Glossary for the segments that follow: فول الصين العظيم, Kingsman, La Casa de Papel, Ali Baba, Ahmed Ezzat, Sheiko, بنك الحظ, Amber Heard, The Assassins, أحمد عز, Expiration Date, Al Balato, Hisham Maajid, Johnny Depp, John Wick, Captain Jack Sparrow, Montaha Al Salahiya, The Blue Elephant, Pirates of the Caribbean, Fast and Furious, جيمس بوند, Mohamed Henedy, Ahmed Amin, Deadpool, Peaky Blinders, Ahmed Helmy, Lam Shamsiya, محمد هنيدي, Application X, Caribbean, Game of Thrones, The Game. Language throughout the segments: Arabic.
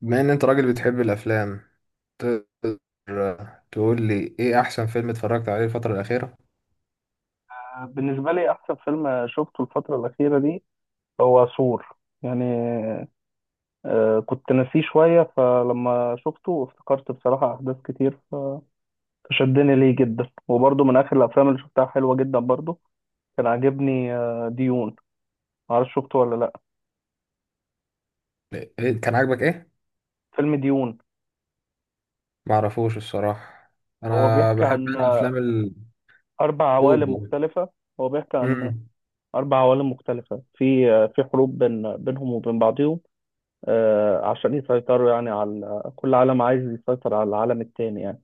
بما ان انت راجل بتحب الافلام، تقدر تقول لي ايه احسن فيلم اتفرجت عليه الفترة الأخيرة؟ بالنسبة لي أحسن فيلم شفته الفترة الأخيرة دي هو سور. يعني كنت ناسيه شوية، فلما شفته افتكرت بصراحة أحداث كتير، فشدني ليه جدا. وبرضه من آخر الأفلام اللي شفتها حلوة جدا برضه كان عاجبني ديون. معرفش شفته ولا لأ؟ إيه كان عاجبك ايه؟ فيلم ديون معرفوش الصراحة. هو انا بيحكي بحب عن افلام أربع عوالم الأول. مختلفة. هو بيحكي عن امم أربع عوالم مختلفة، في حروب بينهم وبين بعضهم، عشان يسيطروا، يعني على كل عالم عايز يسيطر على العالم التاني يعني.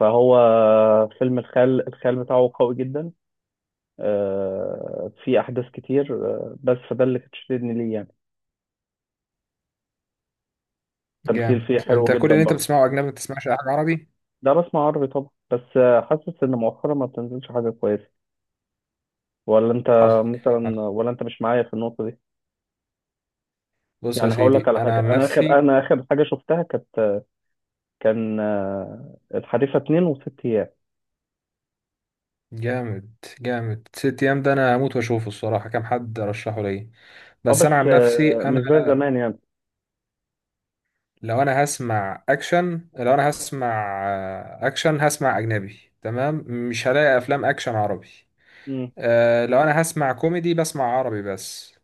فهو فيلم الخيال بتاعه قوي جدا. في احداث كتير، بس فده اللي كانت شددني ليه يعني. التمثيل جامد، فيه حلو انت كل جدا اللي انت برضه. بتسمعه اجنبي ما بتسمعش اي حاجة عربي؟ ده بسمع عربي طبعا، بس حاسس ان مؤخرا ما بتنزلش حاجه كويسه. ولا انت؟ حصل. مثلا، حصل. ولا انت مش معايا في النقطه دي؟ بص يا يعني هقول لك سيدي على انا حاجه. عن نفسي. انا اخر حاجه شفتها كان الحريفه اتنين وست ايام. جامد. جامد، ست ايام ده انا هموت واشوفه الصراحة، كام حد رشحه ليا. اه، بس انا بس عن نفسي، مش زي زمان يعني. لو انا هسمع اكشن هسمع اجنبي، تمام؟ مش هلاقي افلام اكشن عربي. امم أه، لو انا هسمع كوميدي بسمع عربي بس.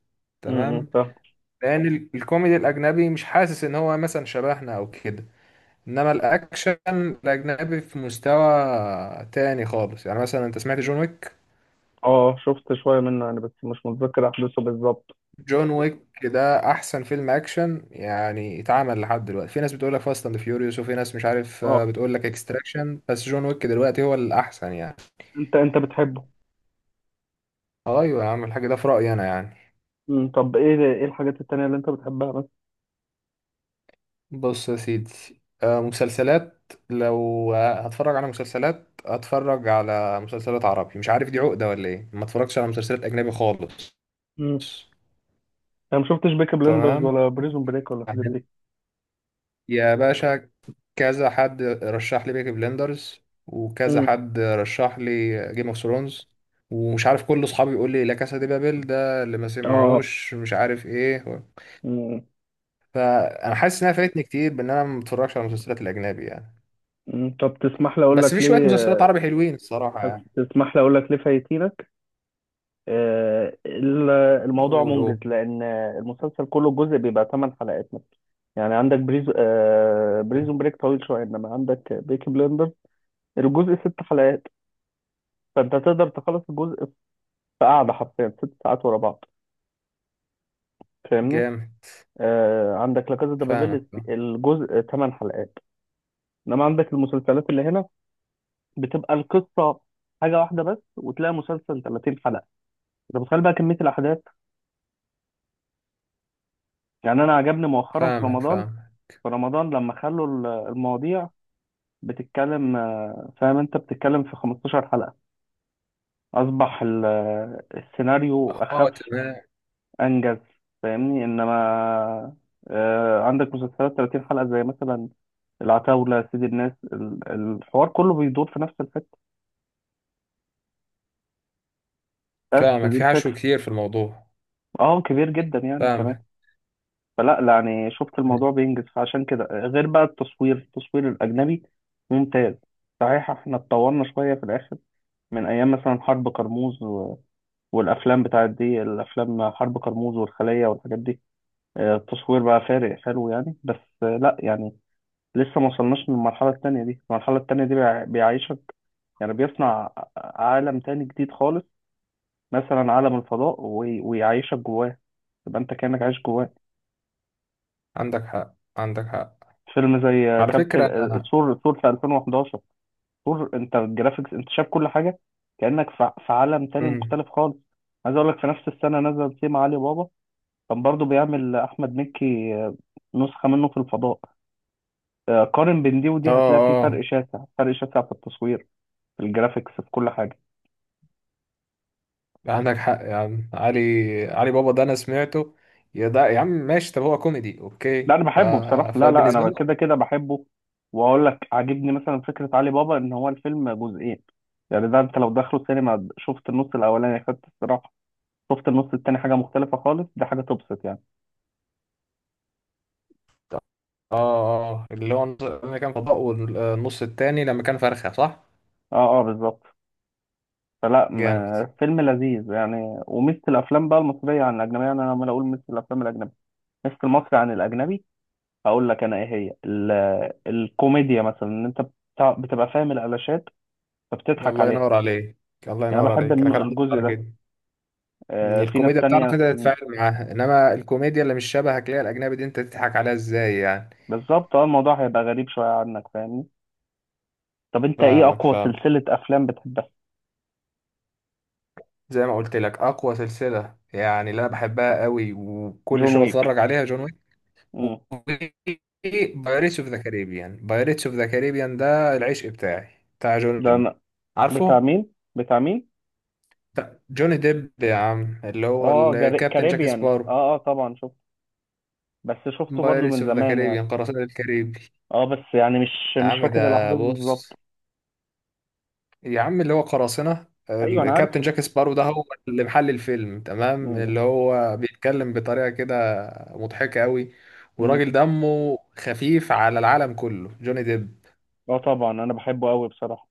تمام. فاهم. لان الكوميدي الاجنبي مش حاسس ان هو مثلا شبهنا او كده، انما الاكشن الاجنبي في مستوى تاني خالص. يعني مثلا انت سمعت جون ويك؟ اه، شفت شويه منه يعني، بس مش متذكر احداثه بالظبط. جون ويك ده احسن فيلم اكشن يعني اتعمل لحد دلوقتي. في ناس بتقول لك فاست اند فيوريوس، وفي ناس مش عارف آه، بتقول لك اكستراكشن، بس جون ويك دلوقتي هو الاحسن يعني. انت بتحبه؟ ايوه يا عم الحاج، ده في رايي انا يعني. مم. طب ايه الحاجات التانية اللي انت بتحبها بس. بص يا سيدي، مسلسلات. لو هتفرج على مسلسلات عربي. مش عارف دي عقده ولا ايه، ما اتفرجتش على مسلسلات اجنبي خالص. مم. انا ما شفتش بيكي بلندرز تمام، ولا بريزون بريك ولا الحاجات يعني. دي. يا باشا، كذا حد رشح لي بيكي بلندرز، وكذا مم. حد رشح لي جيم اوف ثرونز، ومش عارف كل اصحابي يقول لي لا كاسا دي بابل ده اللي ما اه سمعوش مش عارف ايه. مم. فانا حاسس انها فايتني كتير بان انا ما بتفرجش على المسلسلات الاجنبي يعني. مم. طب بس في شويه مسلسلات عربي حلوين الصراحه يعني. تسمح لي اقول لك ليه فايتينك. آه، ال- الموضوع قول، منجز، قول. لان المسلسل كله جزء بيبقى 8 حلقات مثلا. يعني عندك بريزون بريك طويل شويه، انما عندك بيكي بلندر الجزء ست حلقات. فانت تقدر تخلص الجزء في قعده حرفيا 6 ساعات ورا بعض. فاهمني؟ جامد. عندك لا كازا دي بابيل فاهمك، الجزء ثمان حلقات. انما عندك المسلسلات اللي هنا بتبقى القصه حاجه واحده بس، وتلاقي مسلسل 30 حلقه. انت متخيل بقى كميه الاحداث؟ يعني انا عجبني مؤخرا في فاهمك. رمضان فاهمك. في رمضان لما خلوا المواضيع بتتكلم، فاهم، انت بتتكلم في 15 حلقه، اصبح السيناريو اه اخف. تمام. انجز. فاهمني؟ انما عندك مسلسلات 30 حلقه، زي مثلا العتاوله، سيد الناس، الحوار كله بيدور في نفس الحته، بس فاهمك، دي في حشو الفكره. كتير في الموضوع. اه، كبير جدا يعني كمان. فاهمك. فلا لا، يعني شفت الموضوع بينجز، فعشان كده غير بقى التصوير الاجنبي ممتاز. صحيح احنا اتطورنا شويه في الاخر، من ايام مثلا حرب كرموز و... والافلام بتاعت دي الافلام حرب كرموز والخليه والحاجات دي، التصوير بقى فارق حلو يعني. بس لا يعني. لسه ما وصلناش للمرحلة التانية دي. المرحلة التانية دي بيعيشك. يعني بيصنع عالم تاني جديد خالص، مثلا عالم الفضاء، ويعيشك جواه. يبقى انت كأنك عايش جواه. عندك حق، عندك حق. فيلم زي على فكره كابتن انا. ثور في 2011. ثور، انت الجرافيكس انت شايف كل حاجة، كأنك في عالم تاني مم. مختلف خالص. عايز اقول لك، في نفس السنة نزل سيما علي بابا. كان برضه بيعمل احمد مكي نسخة منه في الفضاء. قارن بين دي اه، ودي، هتلاقي في فرق اه. شاسع، فرق شاسع في التصوير، في الجرافيكس، في كل حاجة. عندك حق يا عم علي. علي بابا ده انا سمعته. يا ده يا عم ماشي، طب هو كوميدي، لا اوكي انا ف... بحبه بصراحه. لا لا، فبالنسبه انا لي. كده كده بحبه. واقول لك عاجبني مثلا فكره علي بابا ان هو الفيلم جزئين. يعني ده انت لو دخلوا سينما شفت النص الاولاني خدت الصراحه، شفت النص التاني حاجه مختلفه خالص. دي حاجه تبسط يعني. اه، اه، اللي هو لما كان فضاء، والنص التاني لما كان فرخه، صح؟ اه اه بالظبط. فلا جامد. فيلم لذيذ يعني. وميزه الافلام بقى المصريه عن الاجنبيه، يعني انا لما اقول ميزه الافلام الاجنبيه، ميزه المصري عن الاجنبي، هقول لك انا ايه هي الكوميديا. مثلا ان انت بتبقى فاهم الالاشات فبتضحك الله عليها. ينور عليك. الله يعني أنا ينور بحب عليك، انا كان قصدي الجزء على ده. كده. إن في ناس الكوميديا بتعرف تانية. انت تتفاعل معاها، انما الكوميديا اللي مش شبهك اللي هي الاجنبي دي انت تضحك عليها ازاي يعني؟ بالظبط اه. الموضوع هيبقى غريب شوية عنك، فاهمني؟ طب انت ايه فاهمك، اقوى فاهمك. سلسلة افلام بتحبها؟ زي ما قلت لك، اقوى سلسله يعني اللي انا بحبها قوي وكل جون شويه ويك. بتفرج عليها جون. مم. وبايريتس اوف ذا كاريبيان. بايريتس اوف ذا كاريبيان ده العشق بتاعي. بتاع جوني ده ديب. أنا. بتاع عارفه؟ مين؟ بتاع مين؟ بتاع جوني ديب يا عم، اللي هو اه الكابتن جاك كاريبيان. سبارو. اه اه طبعا شفت. بس شفته برضو بايريتس من اوف ذا زمان يعني. كاريبيان، قراصنة الكاريبي. اه، بس يعني مش يا مش عم فاكر ده الاحداث بالظبط. بص، يا عم اللي هو قراصنة ايوه انا عارف. الكابتن جاك سبارو ده هو اللي محل الفيلم، تمام؟ مم. اللي هو بيتكلم بطريقة كده مضحكة قوي. مم. وراجل دمه خفيف على العالم كله جوني ديب. اه طبعا انا بحبه قوي بصراحة.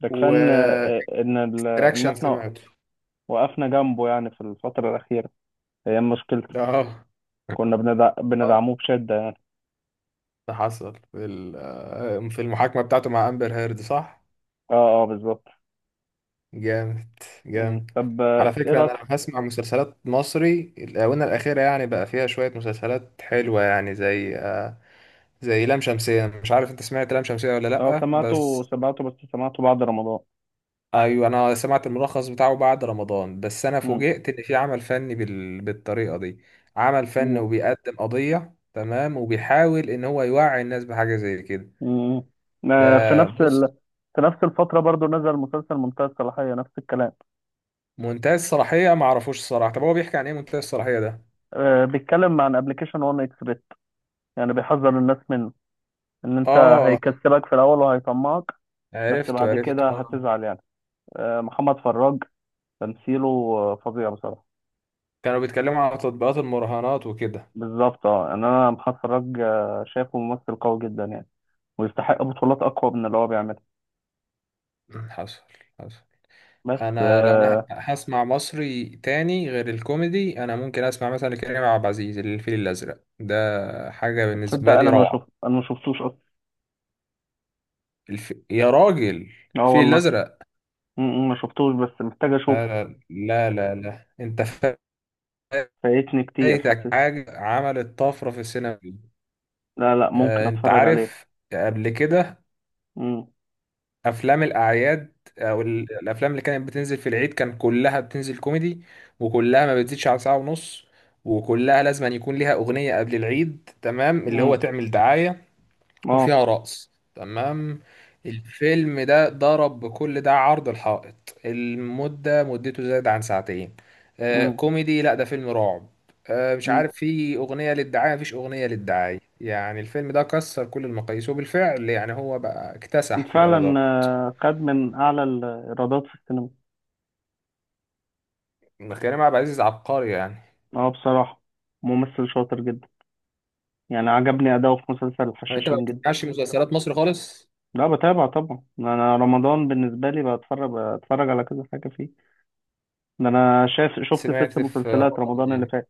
ده كفاية ان و آه، ان ال... ان اكشن احنا سمعته. وقفنا جنبه يعني في الفترة الأخيرة. هي مشكلته. ده اه. كنا آه، بندعموه بشدة يعني. ده حصل في في المحاكمة بتاعته مع أمبر هيرد، صح؟ اه اه بالظبط. جامد. مم. جامد. طب على ايه فكرة أنا رايك؟ لو هسمع مسلسلات مصري، الآونة الأخيرة يعني بقى فيها شوية مسلسلات حلوة يعني زي زي لام شمسية. مش عارف أنت سمعت لام شمسية ولا لو لأ، سمعته بس سمعته، بس سمعته بعد رمضان. أيوة أنا سمعت الملخص بتاعه بعد رمضان. بس أنا مم. فوجئت إن في عمل فني بالطريقة دي. عمل فني، مم. وبيقدم قضية تمام، وبيحاول إن هو يوعي الناس بحاجة زي كده. مم. ده آه، في نفس ال... بص، في نفس الفترة برضو نزل مسلسل منتهى الصلاحية، نفس الكلام. منتهى الصلاحية ما اعرفوش الصراحة. طب هو بيحكي عن ايه منتهى الصلاحية ده؟ بيتكلم عن ابلكيشن وان اكس بيت. يعني بيحذر الناس منه، ان انت اه، هيكسبك في الاول وهيطمعك، بس عرفته، بعد عرفته، كده اه. هتزعل يعني. محمد فراج تمثيله فظيع بصراحة. كانوا بيتكلموا على تطبيقات المراهنات وكده. بالظبط اه، يعني انا محمد فراج شايفه ممثل قوي جدا يعني، ويستحق بطولات اقوى من اللي هو بيعملها. مم، حصل. حصل. بس لو انا هسمع مصري تاني غير الكوميدي، انا ممكن اسمع مثلا كريم عبد العزيز الفيل الازرق ده. حاجة تصدق بالنسبة لي روعة. انا ما شفتوش اصلا. الف... يا راجل، اه الفيل والله. الازرق. م- م، ما شفتوش بس محتاج لا اشوفه. لا لا، لا، لا. انت فايتني كتير فايتك حاسس. حاجة عملت طفرة في السينما. لا لا، ممكن انت اتفرج عليه. عارف قبل كده م- افلام الاعياد، او الافلام اللي كانت بتنزل في العيد كان كلها بتنزل كوميدي، وكلها ما بتزيدش على ساعة ونص، وكلها لازم أن يكون ليها اغنية قبل العيد تمام اللي هو م، تعمل دعاية، اه وفيها رقص، تمام؟ الفيلم ده ضرب بكل ده عرض الحائط. المدة مدته زاد عن ساعتين. آه م- كوميدي؟ لا، ده فيلم رعب. آه مش م. عارف في اغنية للدعاية؟ مفيش اغنية للدعاية. يعني الفيلم ده كسر كل المقاييس، وبالفعل يعني هو بقى اكتسح في فعلا الايرادات. خد من اعلى الايرادات في السينما. ما كريم عبد العزيز عبقري يعني. اه بصراحة، ممثل شاطر جدا. يعني عجبني اداؤه في مسلسل يعني انت ما الحشاشين جدا. بتسمعش مسلسلات مصر خالص؟ لا، بتابع طبعا. انا رمضان بالنسبة لي بتفرج على كذا حاجة فيه. ده انا شايف شفت ست سمعت في مسلسلات رمضان رمضان اللي ايه؟ فات.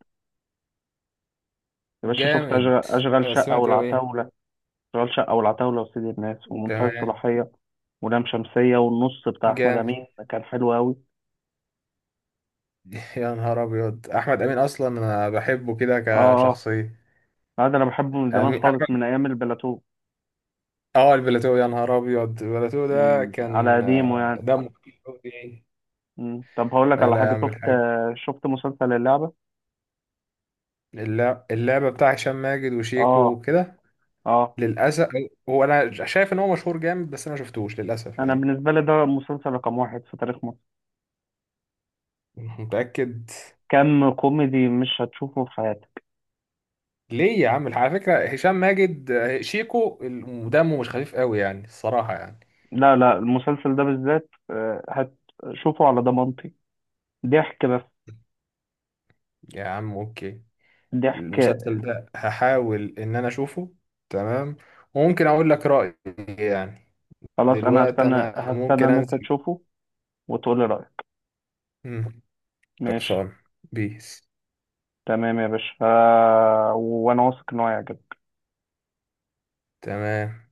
يا باشا شفت جامد. اشغال شقة سمعت هو ايه؟ والعتاولة. اشغال شقة والعتاولة وسيد الناس ومنتهى تمام. الصلاحية ولام شمسية. والنص بتاع أحمد جامد. أمين كان حلو أوي. يا نهار ابيض، احمد امين اصلا انا بحبه كده آه كشخصيه. آه. لا، ده أنا بحبه من زمان امين خالص، من احمد. أيام البلاتو. اه، البلاتو. يا نهار ابيض، البلاتو ده من على كان قديمه يعني. دمه خفيف أوي يعني. مم. طب هقول لك لا على لا حاجة يعمل شفت حاجه. شفت مسلسل اللعبة. اللعبه بتاع هشام ماجد وشيكو آه وكده. آه. للاسف. هو انا شايف ان هو مشهور جامد، بس انا ما شفتوش للاسف أنا يعني. بالنسبة لي ده مسلسل رقم واحد في تاريخ مصر. متاكد؟ كم كوميدي مش هتشوفه في حياتك. ليه يا عم، على فكرة هشام ماجد شيكو دمه مش خفيف قوي يعني الصراحة يعني. لا لا، المسلسل ده بالذات هتشوفه على ضمانتي. ضحك بس. يا عم اوكي، ضحك. المسلسل ده هحاول ان انا اشوفه، تمام؟ وممكن اقول لك رأيي يعني. خلاص أنا دلوقتي هستنى انا هستنى ممكن إن أنت انزل. تشوفه وتقول لي رأيك. مم. ماشي. خلصان. بيس. تمام يا باشا، وانا واثق ان هو هيعجبك. تمام.